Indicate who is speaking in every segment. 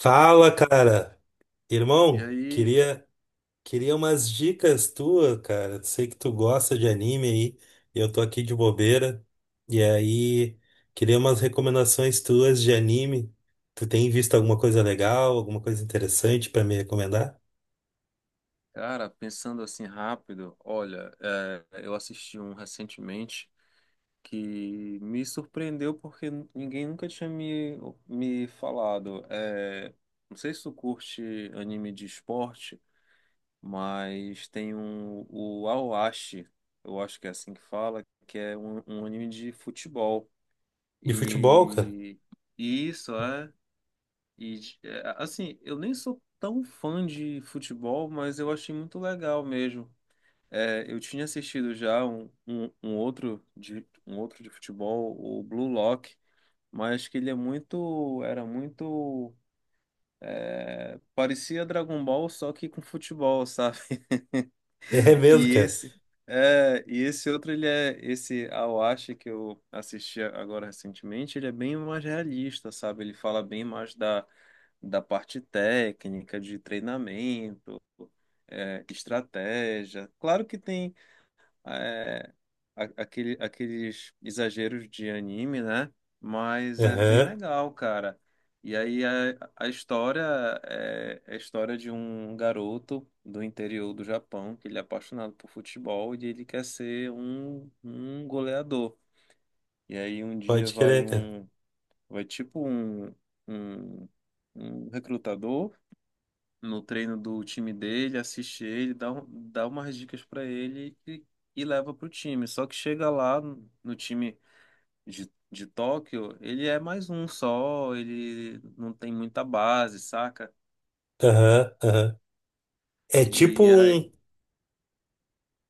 Speaker 1: Fala, cara.
Speaker 2: E
Speaker 1: Irmão,
Speaker 2: aí,
Speaker 1: queria umas dicas tuas, cara. Sei que tu gosta de anime aí. Eu tô aqui de bobeira. E aí, queria umas recomendações tuas de anime. Tu tem visto alguma coisa legal, alguma coisa interessante pra me recomendar?
Speaker 2: cara, pensando assim rápido, olha, eu assisti um recentemente que me surpreendeu porque ninguém nunca tinha me falado. Não sei se tu curte anime de esporte, mas tem um, o Aoashi, eu acho que é assim que fala, que é um anime de futebol.
Speaker 1: De futebol, cara?
Speaker 2: E, e isso, é. E, assim, eu nem sou tão fã de futebol, mas eu achei muito legal mesmo. Eu tinha assistido já um outro de futebol, o Blue Lock, mas que era muito, parecia Dragon Ball só que com futebol, sabe?
Speaker 1: É mesmo,
Speaker 2: E
Speaker 1: cara.
Speaker 2: esse, e esse outro, ele é esse Awashi que eu assisti agora recentemente, ele é bem mais realista, sabe? Ele fala bem mais da parte técnica, de treinamento, estratégia. Claro que tem é, aqueles exageros de anime, né? Mas é bem
Speaker 1: Aham,
Speaker 2: legal, cara. E aí a história é a história de um garoto do interior do Japão que ele é apaixonado por futebol e ele quer ser um goleador. E aí um dia
Speaker 1: pode crer, cara.
Speaker 2: vai tipo um, um recrutador no treino do time dele, assiste ele, dá umas dicas pra ele e leva pro time. Só que chega lá no time de Tóquio, ele é mais um só, ele não tem muita base, saca?
Speaker 1: Aham, aham. É tipo
Speaker 2: E aí.
Speaker 1: um.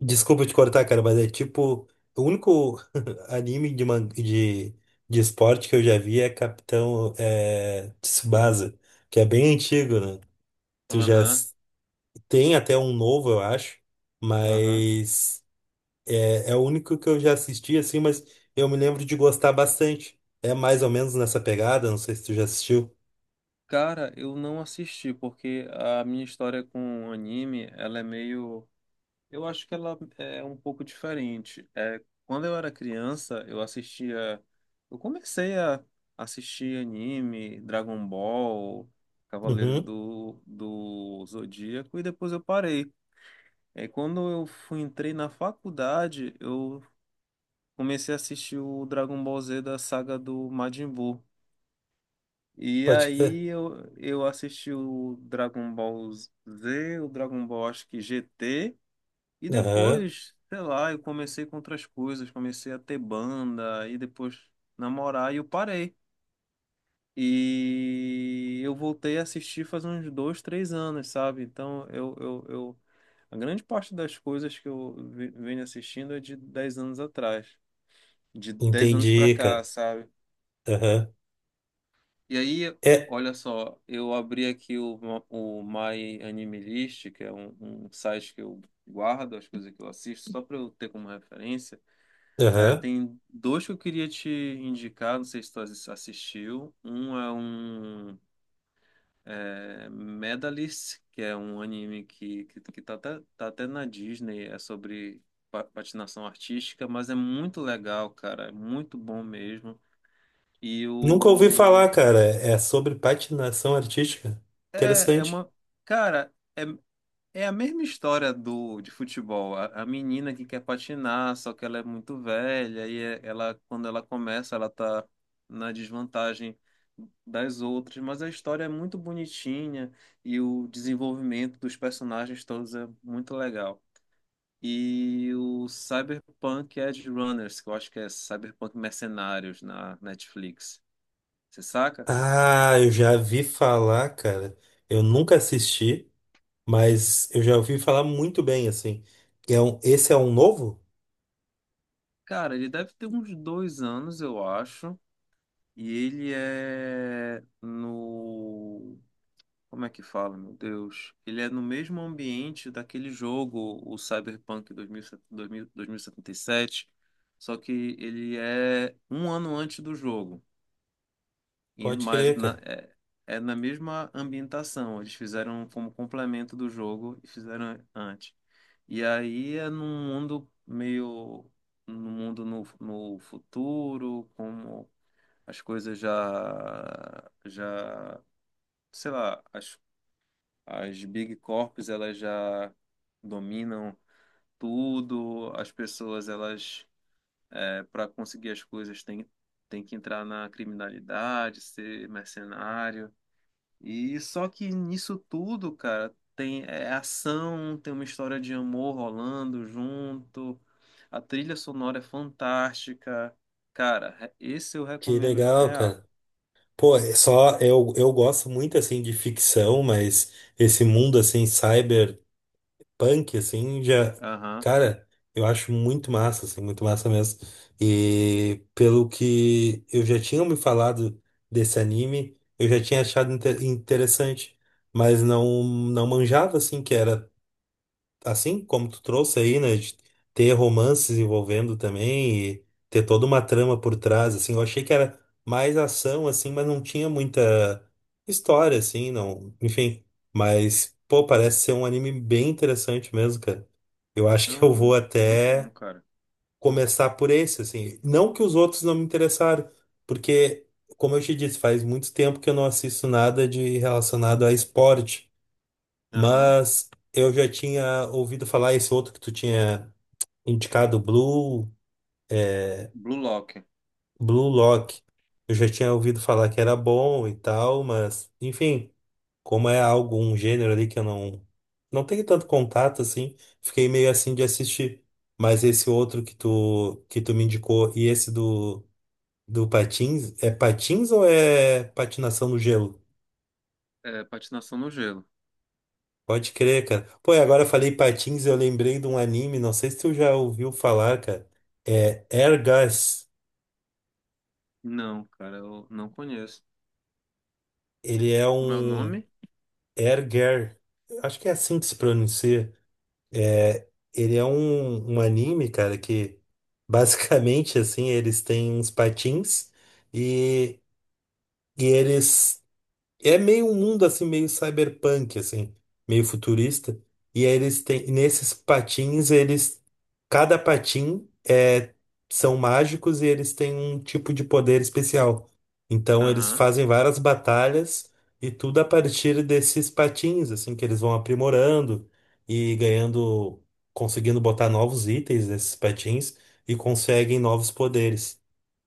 Speaker 1: Desculpa te cortar, cara, mas é tipo, o único anime de, de esporte que eu já vi é Capitão é, Tsubasa, que é bem antigo, né? Tu já
Speaker 2: Aham,
Speaker 1: s- Tem até um novo, eu acho,
Speaker 2: aham.
Speaker 1: mas é, é o único que eu já assisti, assim, mas eu me lembro de gostar bastante. É mais ou menos nessa pegada, não sei se tu já assistiu.
Speaker 2: Cara, eu não assisti porque a minha história com anime, ela é meio. Eu acho que ela é um pouco diferente. Quando eu era criança, eu assistia. Eu comecei a assistir anime, Dragon Ball, Cavaleiros
Speaker 1: Uhum,
Speaker 2: do Zodíaco, e depois eu parei. Quando entrei na faculdade, eu comecei a assistir o Dragon Ball Z da saga do Majin Buu. E
Speaker 1: pode crer.
Speaker 2: aí eu assisti o Dragon Ball Z, o Dragon Ball acho que GT. E
Speaker 1: Aham,
Speaker 2: depois, sei lá, eu comecei com outras coisas, comecei a ter banda, e depois namorar, e eu parei. E eu voltei a assistir faz uns 2, 3 anos, sabe? Então, a grande parte das coisas que eu venho assistindo é de 10 anos atrás, de 10 anos pra
Speaker 1: entendi,
Speaker 2: cá,
Speaker 1: cara.
Speaker 2: sabe?
Speaker 1: Aham.
Speaker 2: E aí,
Speaker 1: É,
Speaker 2: olha só, eu abri aqui o My Anime List, que é um site que eu guardo as coisas que eu assisto, só pra eu ter como referência. É,
Speaker 1: aham.
Speaker 2: tem dois que eu queria te indicar, não sei se tu assistiu. Um é Medalist, que é um anime que tá até na Disney, é sobre patinação artística, mas é muito legal, cara, é muito bom mesmo. E
Speaker 1: Nunca ouvi
Speaker 2: o.
Speaker 1: falar, cara. É sobre patinação artística?
Speaker 2: É
Speaker 1: Interessante.
Speaker 2: uma. Cara, é a mesma história do de futebol. A menina que quer patinar, só que ela é muito velha e ela, quando ela começa, ela tá na desvantagem das outras, mas a história é muito bonitinha e o desenvolvimento dos personagens todos é muito legal. E o Cyberpunk Edge Runners, que eu acho que é Cyberpunk Mercenários na Netflix. Você saca?
Speaker 1: Ah, eu já vi falar, cara. Eu nunca assisti, mas eu já ouvi falar muito bem, assim. É um, esse é um novo?
Speaker 2: Cara, ele deve ter uns 2 anos, eu acho. E ele é no. Como é que fala, meu Deus? Ele é no mesmo ambiente daquele jogo, o Cyberpunk 2077, só que ele é um ano antes do jogo, e-
Speaker 1: Pode
Speaker 2: mas
Speaker 1: crer,
Speaker 2: na-
Speaker 1: cara.
Speaker 2: é, é na mesma ambientação. Eles fizeram como complemento do jogo e fizeram antes. E aí é num mundo meio. No mundo no futuro, como as coisas sei lá, as big corps, elas já dominam tudo, as pessoas, elas, para conseguir as coisas, têm tem que entrar na criminalidade, ser mercenário. E só que nisso tudo, cara, tem é ação, tem uma história de amor rolando junto. A trilha sonora é fantástica. Cara, esse eu
Speaker 1: Que
Speaker 2: recomendo
Speaker 1: legal,
Speaker 2: real.
Speaker 1: cara. Pô, é só eu gosto muito, assim, de ficção, mas esse mundo, assim, cyber. Punk, assim, já.
Speaker 2: Aham.
Speaker 1: Cara, eu acho muito massa, assim, muito massa mesmo. E pelo que eu já tinha me falado desse anime, eu já tinha achado interessante, mas não, não manjava, assim, que era assim como tu trouxe aí, né, de ter romances envolvendo também e ter toda uma trama por trás, assim, eu achei que era mais ação, assim, mas não tinha muita história, assim, não, enfim, mas, pô, parece ser um anime bem interessante mesmo, cara. Eu acho que eu vou
Speaker 2: Não, muito bom,
Speaker 1: até
Speaker 2: cara.
Speaker 1: começar por esse, assim, não que os outros não me interessaram, porque, como eu te disse, faz muito tempo que eu não assisto nada de relacionado a esporte,
Speaker 2: Aham.
Speaker 1: mas eu já tinha ouvido falar esse outro que tu tinha indicado, Blue, é,
Speaker 2: Blue Lock.
Speaker 1: Blue Lock. Eu já tinha ouvido falar que era bom e tal, mas enfim, como é algo, um gênero ali que eu não tenho tanto contato assim, fiquei meio assim de assistir. Mas esse outro que tu me indicou e esse do patins, é patins ou é patinação no gelo?
Speaker 2: É, patinação no gelo.
Speaker 1: Pode crer, cara. Pô, e agora eu falei patins, eu lembrei de um anime, não sei se tu já ouviu falar, cara. É Ergas.
Speaker 2: Não, cara, eu não conheço.
Speaker 1: Ele é
Speaker 2: Como é o
Speaker 1: um.
Speaker 2: nome?
Speaker 1: Erger. Acho que é assim que se pronuncia. É, ele é um, um anime, cara, que basicamente assim, eles têm uns patins e, e eles. É meio um mundo assim, meio cyberpunk, assim, meio futurista. E aí eles têm, nesses patins, eles, cada patim é, são mágicos e eles têm um tipo de poder especial. Então eles
Speaker 2: Aham,
Speaker 1: fazem várias batalhas e tudo a partir desses patins, assim, que eles vão aprimorando e ganhando, conseguindo botar novos itens nesses patins e conseguem novos poderes.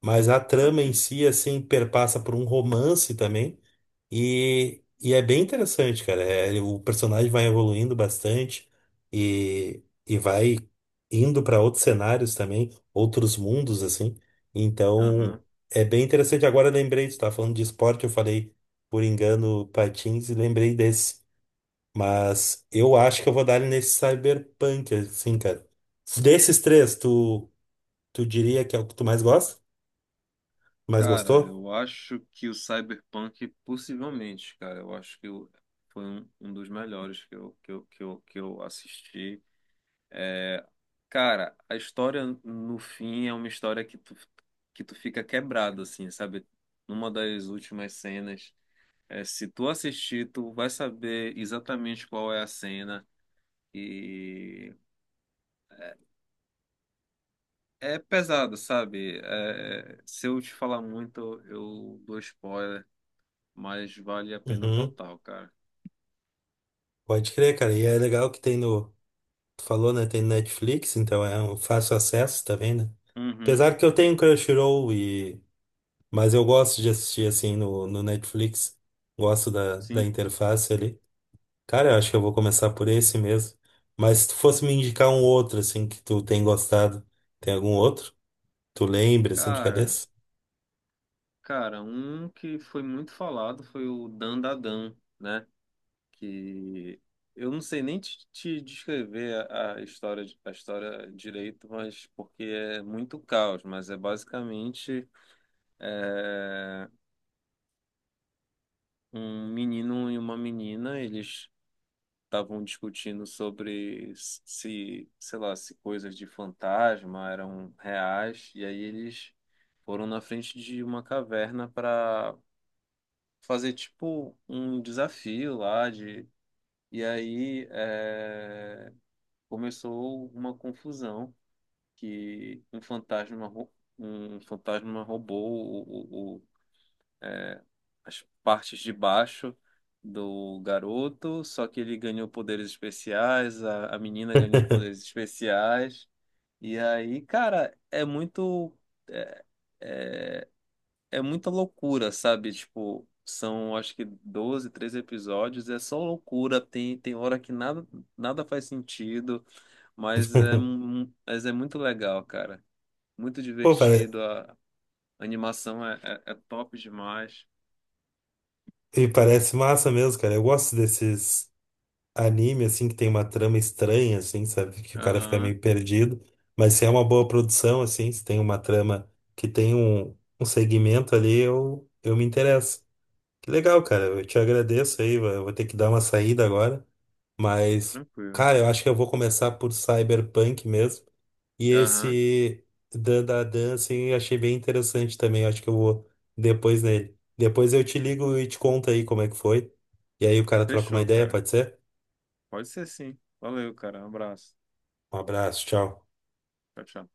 Speaker 1: Mas a trama em
Speaker 2: saquei.
Speaker 1: si, assim, perpassa por um romance também. E é bem interessante, cara. É, o personagem vai evoluindo bastante e vai indo para outros cenários também, outros mundos, assim. Então,
Speaker 2: Aham.
Speaker 1: é bem interessante. Agora eu lembrei, tu estava falando de esporte, eu falei, por engano, patins e lembrei desse. Mas eu acho que eu vou dar ele nesse Cyberpunk, assim, cara. Desses três, tu, tu diria que é o que tu mais gosta? Mais
Speaker 2: Cara,
Speaker 1: gostou?
Speaker 2: eu acho que o Cyberpunk, possivelmente, cara, eu acho que foi um dos melhores que eu assisti. É, cara, a história no fim é uma história que tu fica quebrado, assim, sabe? Numa das últimas cenas. É, se tu assistir, tu vai saber exatamente qual é a cena e é pesado, sabe? É, se eu te falar muito, eu dou spoiler, mas vale a pena
Speaker 1: Uhum.
Speaker 2: total, cara.
Speaker 1: Pode crer, cara. E é legal que tem no. Tu falou, né? Tem no Netflix, então é um fácil acesso também, né?
Speaker 2: Uhum,
Speaker 1: Apesar que eu tenho Crunchyroll e. Mas eu gosto de assistir assim no, no Netflix. Gosto da, da
Speaker 2: sim.
Speaker 1: interface ali. Cara, eu acho que eu vou começar por esse mesmo. Mas se tu fosse me indicar um outro, assim, que tu tem gostado, tem algum outro? Tu lembra, assim, de
Speaker 2: Cara,
Speaker 1: cabeça?
Speaker 2: Um que foi muito falado foi o Dandadan, né? Que eu não sei nem te descrever a história, direito, mas porque é muito caos, mas é basicamente é, um menino e uma menina, eles estavam discutindo sobre se, sei lá, se coisas de fantasma eram reais, e aí eles foram na frente de uma caverna para fazer tipo um desafio lá de. E aí começou uma confusão que um fantasma roubou o, as partes de baixo do garoto, só que ele ganhou poderes especiais, a menina ganhou poderes especiais. E aí, cara, é muito. É, é, É muita loucura, sabe? Tipo, são acho que 12, 13 episódios, é só loucura. Tem hora que nada, nada faz sentido, mas é muito legal, cara. Muito
Speaker 1: Pô, pare...
Speaker 2: divertido, a animação é top demais.
Speaker 1: e parece massa mesmo, cara. Eu gosto desses anime, assim, que tem uma trama estranha, assim, sabe? Que o cara fica
Speaker 2: Aham,
Speaker 1: meio perdido. Mas se é uma boa produção, assim, se tem uma trama que tem um, um segmento ali, eu me interesso. Que legal, cara. Eu te agradeço aí. Eu vou ter que dar uma saída agora. Mas,
Speaker 2: tranquilo.
Speaker 1: cara, eu acho que eu vou começar por Cyberpunk mesmo. E
Speaker 2: Aham.
Speaker 1: esse Dan da Dan, assim, eu achei bem interessante também. Eu acho que eu vou depois nele. Depois eu te ligo e te conto aí como é que foi. E aí o cara troca uma
Speaker 2: Fechou,
Speaker 1: ideia,
Speaker 2: cara.
Speaker 1: pode ser?
Speaker 2: Pode ser sim. Valeu, cara. Um abraço.
Speaker 1: Um abraço, tchau.
Speaker 2: Tchau, tchau.